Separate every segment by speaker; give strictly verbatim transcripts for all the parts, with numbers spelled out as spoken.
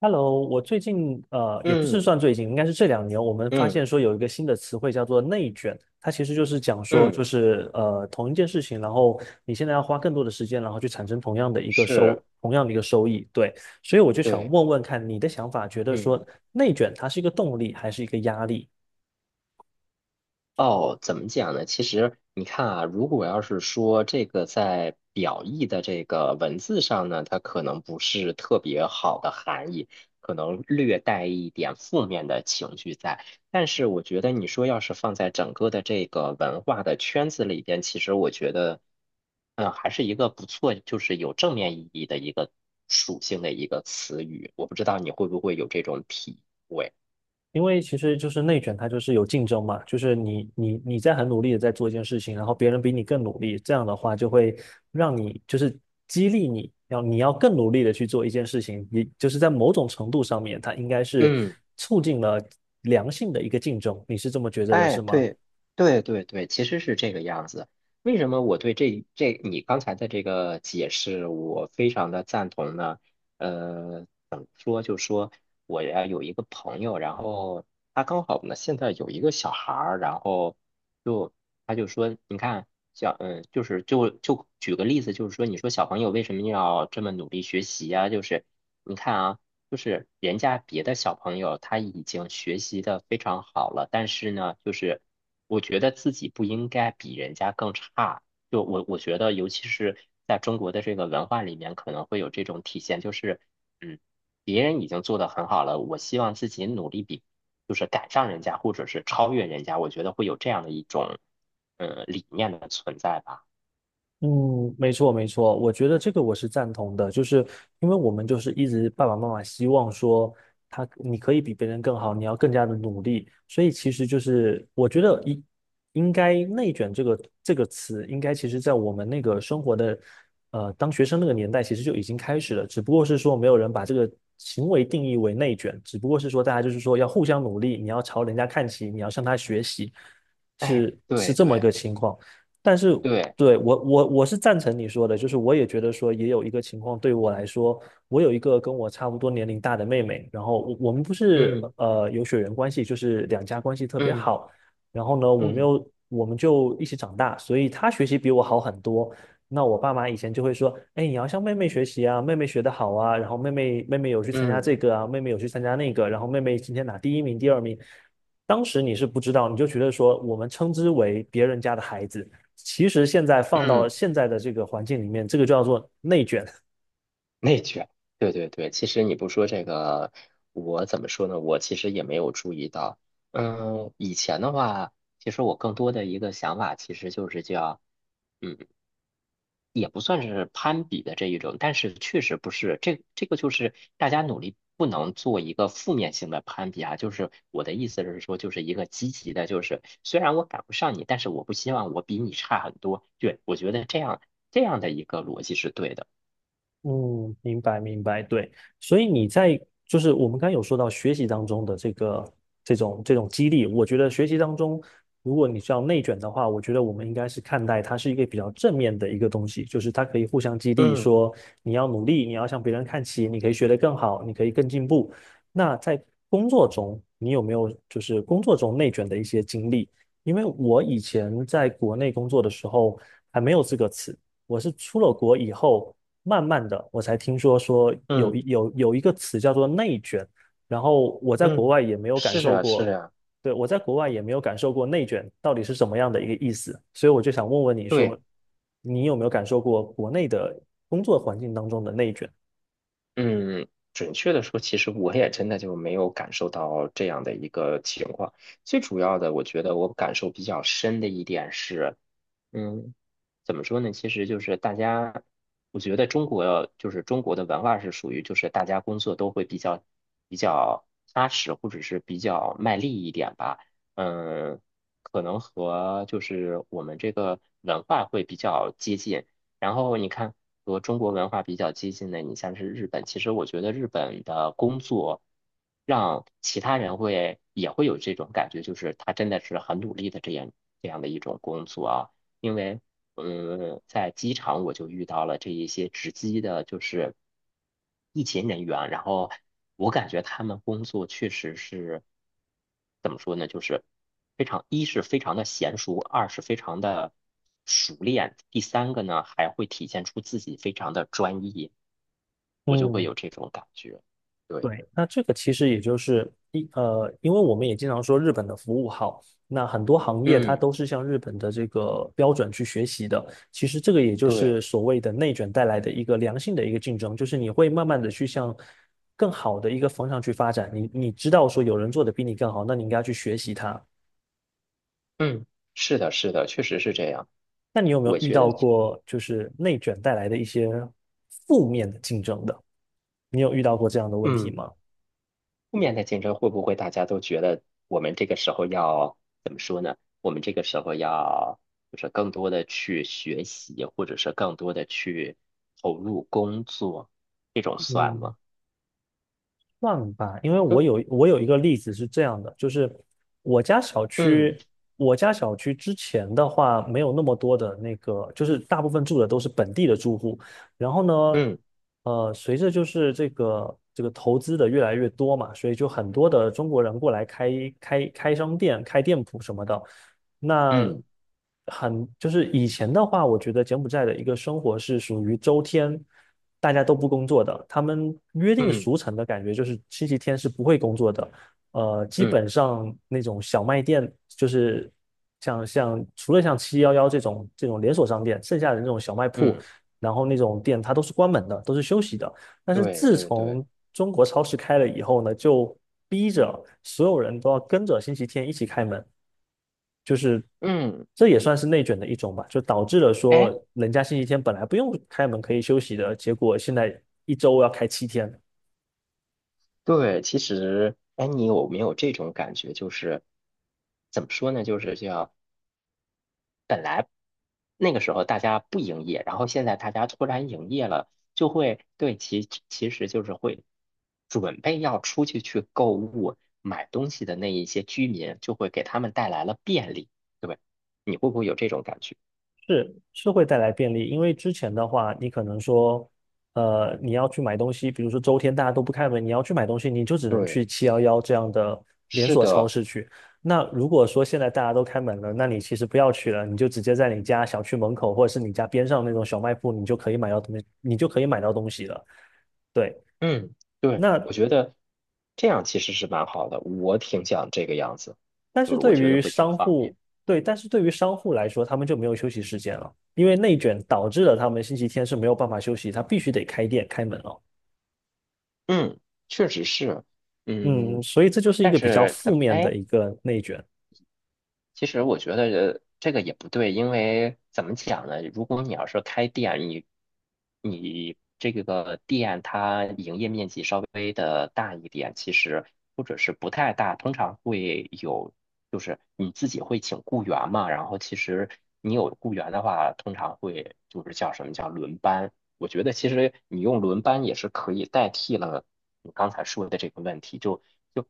Speaker 1: Hello，我最近呃也不是
Speaker 2: 嗯
Speaker 1: 算最近，应该是这两年，我们发
Speaker 2: 嗯
Speaker 1: 现说有一个新的词汇叫做内卷，它其实就是讲说就
Speaker 2: 嗯，
Speaker 1: 是呃同一件事情，然后你现在要花更多的时间，然后去产生同样的一个收
Speaker 2: 是，
Speaker 1: 同样的一个收益，对，所以我就想
Speaker 2: 对，
Speaker 1: 问问看你的想法，觉得说
Speaker 2: 嗯。
Speaker 1: 内卷它是一个动力还是一个压力？
Speaker 2: 哦，怎么讲呢？其实你看啊，如果要是说这个在表意的这个文字上呢，它可能不是特别好的含义，可能略带一点负面的情绪在。但是我觉得你说要是放在整个的这个文化的圈子里边，其实我觉得，嗯，还是一个不错，就是有正面意义的一个属性的一个词语。我不知道你会不会有这种体会。
Speaker 1: 因为其实就是内卷，它就是有竞争嘛，就是你你你在很努力的在做一件事情，然后别人比你更努力，这样的话就会让你就是激励你要你要更努力的去做一件事情，你就是在某种程度上面，它应该是
Speaker 2: 嗯。
Speaker 1: 促进了良性的一个竞争，你是这么觉得的，
Speaker 2: 哎，
Speaker 1: 是吗？
Speaker 2: 对，对对对，其实是这个样子。为什么我对这这你刚才的这个解释，我非常的赞同呢？呃，怎么说？就说我呀有一个朋友，然后他刚好呢现在有一个小孩儿，然后就他就说，你看，小嗯，就是就就举个例子，就是说，你说小朋友为什么要这么努力学习呀？就是你看啊。就是人家别的小朋友他已经学习的非常好了，但是呢，就是我觉得自己不应该比人家更差。就我我觉得，尤其是在中国的这个文化里面，可能会有这种体现，就是嗯，别人已经做得很好了，我希望自己努力比，就是赶上人家或者是超越人家，我觉得会有这样的一种呃理念的存在吧。
Speaker 1: 嗯，没错没错，我觉得这个我是赞同的，就是因为我们就是一直爸爸妈妈希望说他你可以比别人更好，你要更加的努力，所以其实就是我觉得应应该内卷这个这个词，应该其实在我们那个生活的呃当学生那个年代，其实就已经开始了，只不过是说没有人把这个行为定义为内卷，只不过是说大家就是说要互相努力，你要朝人家看齐，你要向他学习，
Speaker 2: 哎，
Speaker 1: 是是
Speaker 2: 对
Speaker 1: 这么一
Speaker 2: 对
Speaker 1: 个情况。但是
Speaker 2: 对，
Speaker 1: 对，我我我是赞成你说的，就是我也觉得说也有一个情况对我来说，我有一个跟我差不多年龄大的妹妹，然后我我们不是呃有血缘关系，就是两家关系特别
Speaker 2: 嗯
Speaker 1: 好，然后呢，我们
Speaker 2: 嗯
Speaker 1: 又我们就一起长大，所以她学习比我好很多。那我爸妈以前就会说，哎，你要向妹妹学习啊，妹妹学得好啊，然后妹妹妹妹有去参加
Speaker 2: 嗯嗯。
Speaker 1: 这
Speaker 2: 嗯
Speaker 1: 个啊，妹妹有去参加那个，然后妹妹今天拿第一名、第二名。当时你是不知道，你就觉得说我们称之为别人家的孩子。其实现在放到
Speaker 2: 嗯
Speaker 1: 现在的这个环境里面，这个就叫做内卷，
Speaker 2: 内卷，对对对，其实你不说这个，我怎么说呢？我其实也没有注意到。嗯，以前的话，其实我更多的一个想法，其实就是叫，嗯，也不算是攀比的这一种，但是确实不是这这个就是大家努力不能做一个负面性的攀比啊。就是我的意思是说，就是一个积极的，就是虽然我赶不上你，但是我不希望我比你差很多。对，我觉得这样这样的一个逻辑是对的。
Speaker 1: 嗯，明白明白，对，所以你在就是我们刚刚有说到学习当中的这个这种这种激励，我觉得学习当中，如果你是要内卷的话，我觉得我们应该是看待它是一个比较正面的一个东西，就是它可以互相激励，
Speaker 2: 嗯
Speaker 1: 说你要努力，你要向别人看齐，你可以学得更好，你可以更进步。那在工作中，你有没有就是工作中内卷的一些经历？因为我以前在国内工作的时候还没有这个词。我是出了国以后，慢慢的，我才听说说有
Speaker 2: 嗯。
Speaker 1: 有有一个词叫做内卷，然后我在国
Speaker 2: 嗯，
Speaker 1: 外也没有感
Speaker 2: 是
Speaker 1: 受
Speaker 2: 啊，是
Speaker 1: 过，
Speaker 2: 啊，
Speaker 1: 对，我在国外也没有感受过内卷到底是什么样的一个意思，所以我就想问问你说，
Speaker 2: 对，
Speaker 1: 你有没有感受过国内的工作环境当中的内卷？
Speaker 2: 嗯，准确的说，其实我也真的就没有感受到这样的一个情况。最主要的，我觉得我感受比较深的一点是，嗯，怎么说呢？其实就是大家，我觉得中国就是中国的文化是属于就是大家工作都会比较比较踏实，或者是比较卖力一点吧。嗯，可能和就是我们这个文化会比较接近。然后你看和中国文化比较接近的，你像是日本，其实我觉得日本的工作让其他人会也会有这种感觉，就是他真的是很努力的这样这样的一种工作啊。因为嗯，在机场我就遇到了这一些值机的，就是疫情人员，然后我感觉他们工作确实是怎么说呢，就是非常，一是非常的娴熟，二是非常的熟练，第三个呢还会体现出自己非常的专业，我就会
Speaker 1: 嗯
Speaker 2: 有这种感觉。对，
Speaker 1: 对，那这个其实也就是一呃，因为我们也经常说日本的服务好，那很多行业它
Speaker 2: 嗯，
Speaker 1: 都是向日本的这个标准去学习的。其实这个也就是
Speaker 2: 对，
Speaker 1: 所谓的内卷带来的一个良性的一个竞争，就是你会慢慢的去向更好的一个方向去发展。你你知道说有人做的比你更好，那你应该去学习他。
Speaker 2: 嗯，是的，是的，确实是这样。
Speaker 1: 那你有没有
Speaker 2: 我
Speaker 1: 遇
Speaker 2: 觉
Speaker 1: 到
Speaker 2: 得，
Speaker 1: 过就是内卷带来的一些负面的竞争的？你有遇到过这样的问题
Speaker 2: 嗯。
Speaker 1: 吗？
Speaker 2: 负面的竞争会不会大家都觉得我们这个时候要怎么说呢？我们这个时候要就是更多的去学习，或者是更多的去投入工作，这种算
Speaker 1: 嗯
Speaker 2: 吗？
Speaker 1: 算吧，因为我有
Speaker 2: 嗯
Speaker 1: 我有一个例子是这样的，就是我家小
Speaker 2: 嗯
Speaker 1: 区，我家小区之前的话没有那么多的那个，就是大部分住的都是本地的住户。然后呢，
Speaker 2: 嗯
Speaker 1: 呃，随着就是这个这个投资的越来越多嘛，所以就很多的中国人过来开开开商店、开店铺什么的。那
Speaker 2: 嗯
Speaker 1: 很就是以前的话，我觉得柬埔寨的一个生活是属于周天大家都不工作的，他们约定
Speaker 2: 嗯
Speaker 1: 俗成的感觉就是星期天是不会工作的。呃，基
Speaker 2: 嗯
Speaker 1: 本上那种小卖店，就是像像除了像七幺幺这种这种连锁商店，剩下的那种小卖铺，
Speaker 2: 嗯，
Speaker 1: 然后那种店它都是关门的，都是休息的。但是
Speaker 2: 对
Speaker 1: 自
Speaker 2: 对对，
Speaker 1: 从中国超市开了以后呢，就逼着所有人都要跟着星期天一起开门。就是
Speaker 2: 嗯，
Speaker 1: 这也算是内卷的一种吧，就导致了说
Speaker 2: 哎，
Speaker 1: 人家星期天本来不用开门可以休息的，结果现在一周要开七天，
Speaker 2: 对，其实哎，你有没有这种感觉？就是怎么说呢？就是叫。本来那个时候大家不营业，然后现在大家突然营业了，就会对其其实就是会准备要出去去购物买东西的那一些居民，就会给他们带来了便利。对吧，你会不会有这种感觉？
Speaker 1: 是是会带来便利，因为之前的话，你可能说，呃，你要去买东西，比如说周天大家都不开门，你要去买东西，你就只能
Speaker 2: 对，
Speaker 1: 去七幺幺这样的连
Speaker 2: 是
Speaker 1: 锁超
Speaker 2: 的，
Speaker 1: 市去。那如果说现在大家都开门了，那你其实不要去了，你就直接在你家小区门口或者是你家边上那种小卖部，你就可以买到东西，你就可以买到东西了。对，
Speaker 2: 嗯，对，
Speaker 1: 那
Speaker 2: 我觉得这样其实是蛮好的，我挺想这个样子，
Speaker 1: 但
Speaker 2: 就
Speaker 1: 是
Speaker 2: 是我
Speaker 1: 对
Speaker 2: 觉得
Speaker 1: 于
Speaker 2: 会挺
Speaker 1: 商
Speaker 2: 方
Speaker 1: 户，
Speaker 2: 便。
Speaker 1: 对，但是对于商户来说，他们就没有休息时间了，因为内卷导致了他们星期天是没有办法休息，他必须得开店开门了。
Speaker 2: 嗯，确实是，
Speaker 1: 嗯，
Speaker 2: 嗯，
Speaker 1: 所以这就是一
Speaker 2: 但
Speaker 1: 个比较
Speaker 2: 是怎
Speaker 1: 负
Speaker 2: 么，
Speaker 1: 面
Speaker 2: 哎，
Speaker 1: 的一个内卷。
Speaker 2: 其实我觉得这个也不对，因为怎么讲呢？如果你要是开店，你你这个店它营业面积稍微的大一点，其实或者是不太大，通常会有，就是你自己会请雇员嘛。然后其实你有雇员的话，通常会就是叫什么叫轮班。我觉得其实你用轮班也是可以代替了你刚才说的这个问题，就就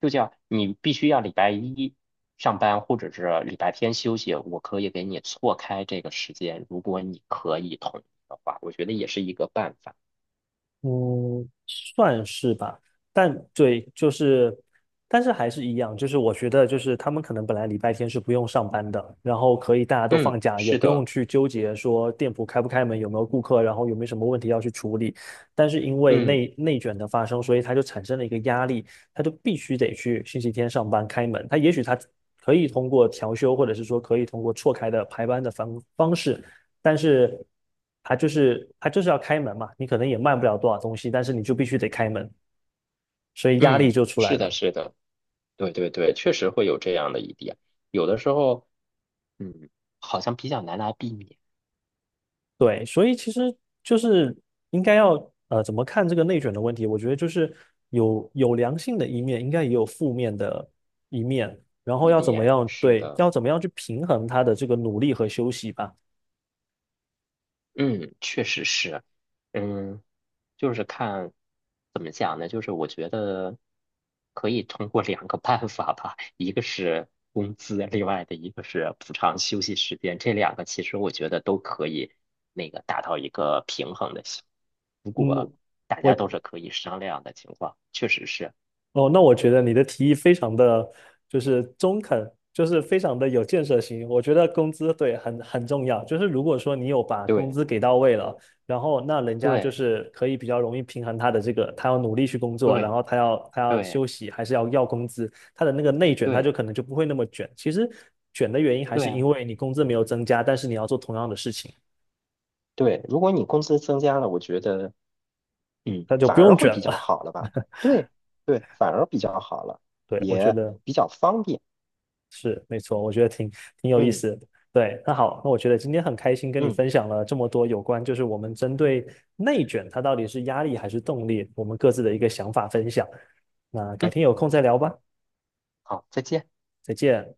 Speaker 2: 就叫你必须要礼拜一。上班或者是礼拜天休息，我可以给你错开这个时间，如果你可以同意的话，我觉得也是一个办法。
Speaker 1: 嗯，算是吧，但对，就是，但是还是一样，就是我觉得，就是他们可能本来礼拜天是不用上班的，然后可以大家都放
Speaker 2: 嗯，
Speaker 1: 假，也
Speaker 2: 是
Speaker 1: 不用
Speaker 2: 的，
Speaker 1: 去纠结说店铺开不开门，有没有顾客，然后有没有什么问题要去处理。但是因为
Speaker 2: 嗯
Speaker 1: 内内卷的发生，所以他就产生了一个压力，他就必须得去星期天上班开门。他也许他可以通过调休，或者是说可以通过错开的排班的方方式。但是它就是它就是要开门嘛，你可能也卖不了多少东西，但是你就必须得开门，所以压力
Speaker 2: 嗯，
Speaker 1: 就出来
Speaker 2: 是的，
Speaker 1: 了。
Speaker 2: 是的，对对对，确实会有这样的一点，有的时候，嗯，好像比较难来避免
Speaker 1: 对，所以其实就是应该要呃怎么看这个内卷的问题？我觉得就是有有良性的一面，应该也有负面的一面，然后
Speaker 2: 一
Speaker 1: 要怎么
Speaker 2: 面，
Speaker 1: 样
Speaker 2: 是
Speaker 1: 对，
Speaker 2: 的，
Speaker 1: 要怎么样去平衡他的这个努力和休息吧。
Speaker 2: 嗯，确实是，嗯。就是看怎么讲呢？就是我觉得可以通过两个办法吧，一个是工资，另外的一个是补偿休息时间。这两个其实我觉得都可以那个达到一个平衡的效果。如果
Speaker 1: 嗯，
Speaker 2: 大家都
Speaker 1: 我
Speaker 2: 是可以商量的情况，确实是
Speaker 1: 哦，那我觉得你的提议非常的就是中肯，就是非常的有建设性。我觉得工资对很很重要，就是如果说你有把工
Speaker 2: 对
Speaker 1: 资给到位了，然后那人家就
Speaker 2: 对
Speaker 1: 是可以比较容易平衡他的这个，他要努力去工作，然
Speaker 2: 对
Speaker 1: 后他要他要
Speaker 2: 对
Speaker 1: 休息，还是要要工资，他的那个内卷他
Speaker 2: 对
Speaker 1: 就可能就不会那么卷。其实卷的原因还
Speaker 2: 对
Speaker 1: 是因
Speaker 2: 啊，
Speaker 1: 为你工资没有增加，但是你要做同样的事情，
Speaker 2: 对，如果你工资增加了，我觉得嗯
Speaker 1: 那就
Speaker 2: 反
Speaker 1: 不
Speaker 2: 而
Speaker 1: 用
Speaker 2: 会
Speaker 1: 卷
Speaker 2: 比较
Speaker 1: 了。
Speaker 2: 好了吧？对对，反而比较好了，
Speaker 1: 对，我觉
Speaker 2: 也
Speaker 1: 得。
Speaker 2: 比较方便。
Speaker 1: 是，没错，我觉得挺挺有意
Speaker 2: 嗯
Speaker 1: 思的。对，那好，那我觉得今天很开心跟你
Speaker 2: 嗯
Speaker 1: 分享了这么多有关，就是我们针对内卷它到底是压力还是动力，我们各自的一个想法分享。那改
Speaker 2: 嗯，
Speaker 1: 天有空再聊吧，
Speaker 2: 好，再见。
Speaker 1: 再见。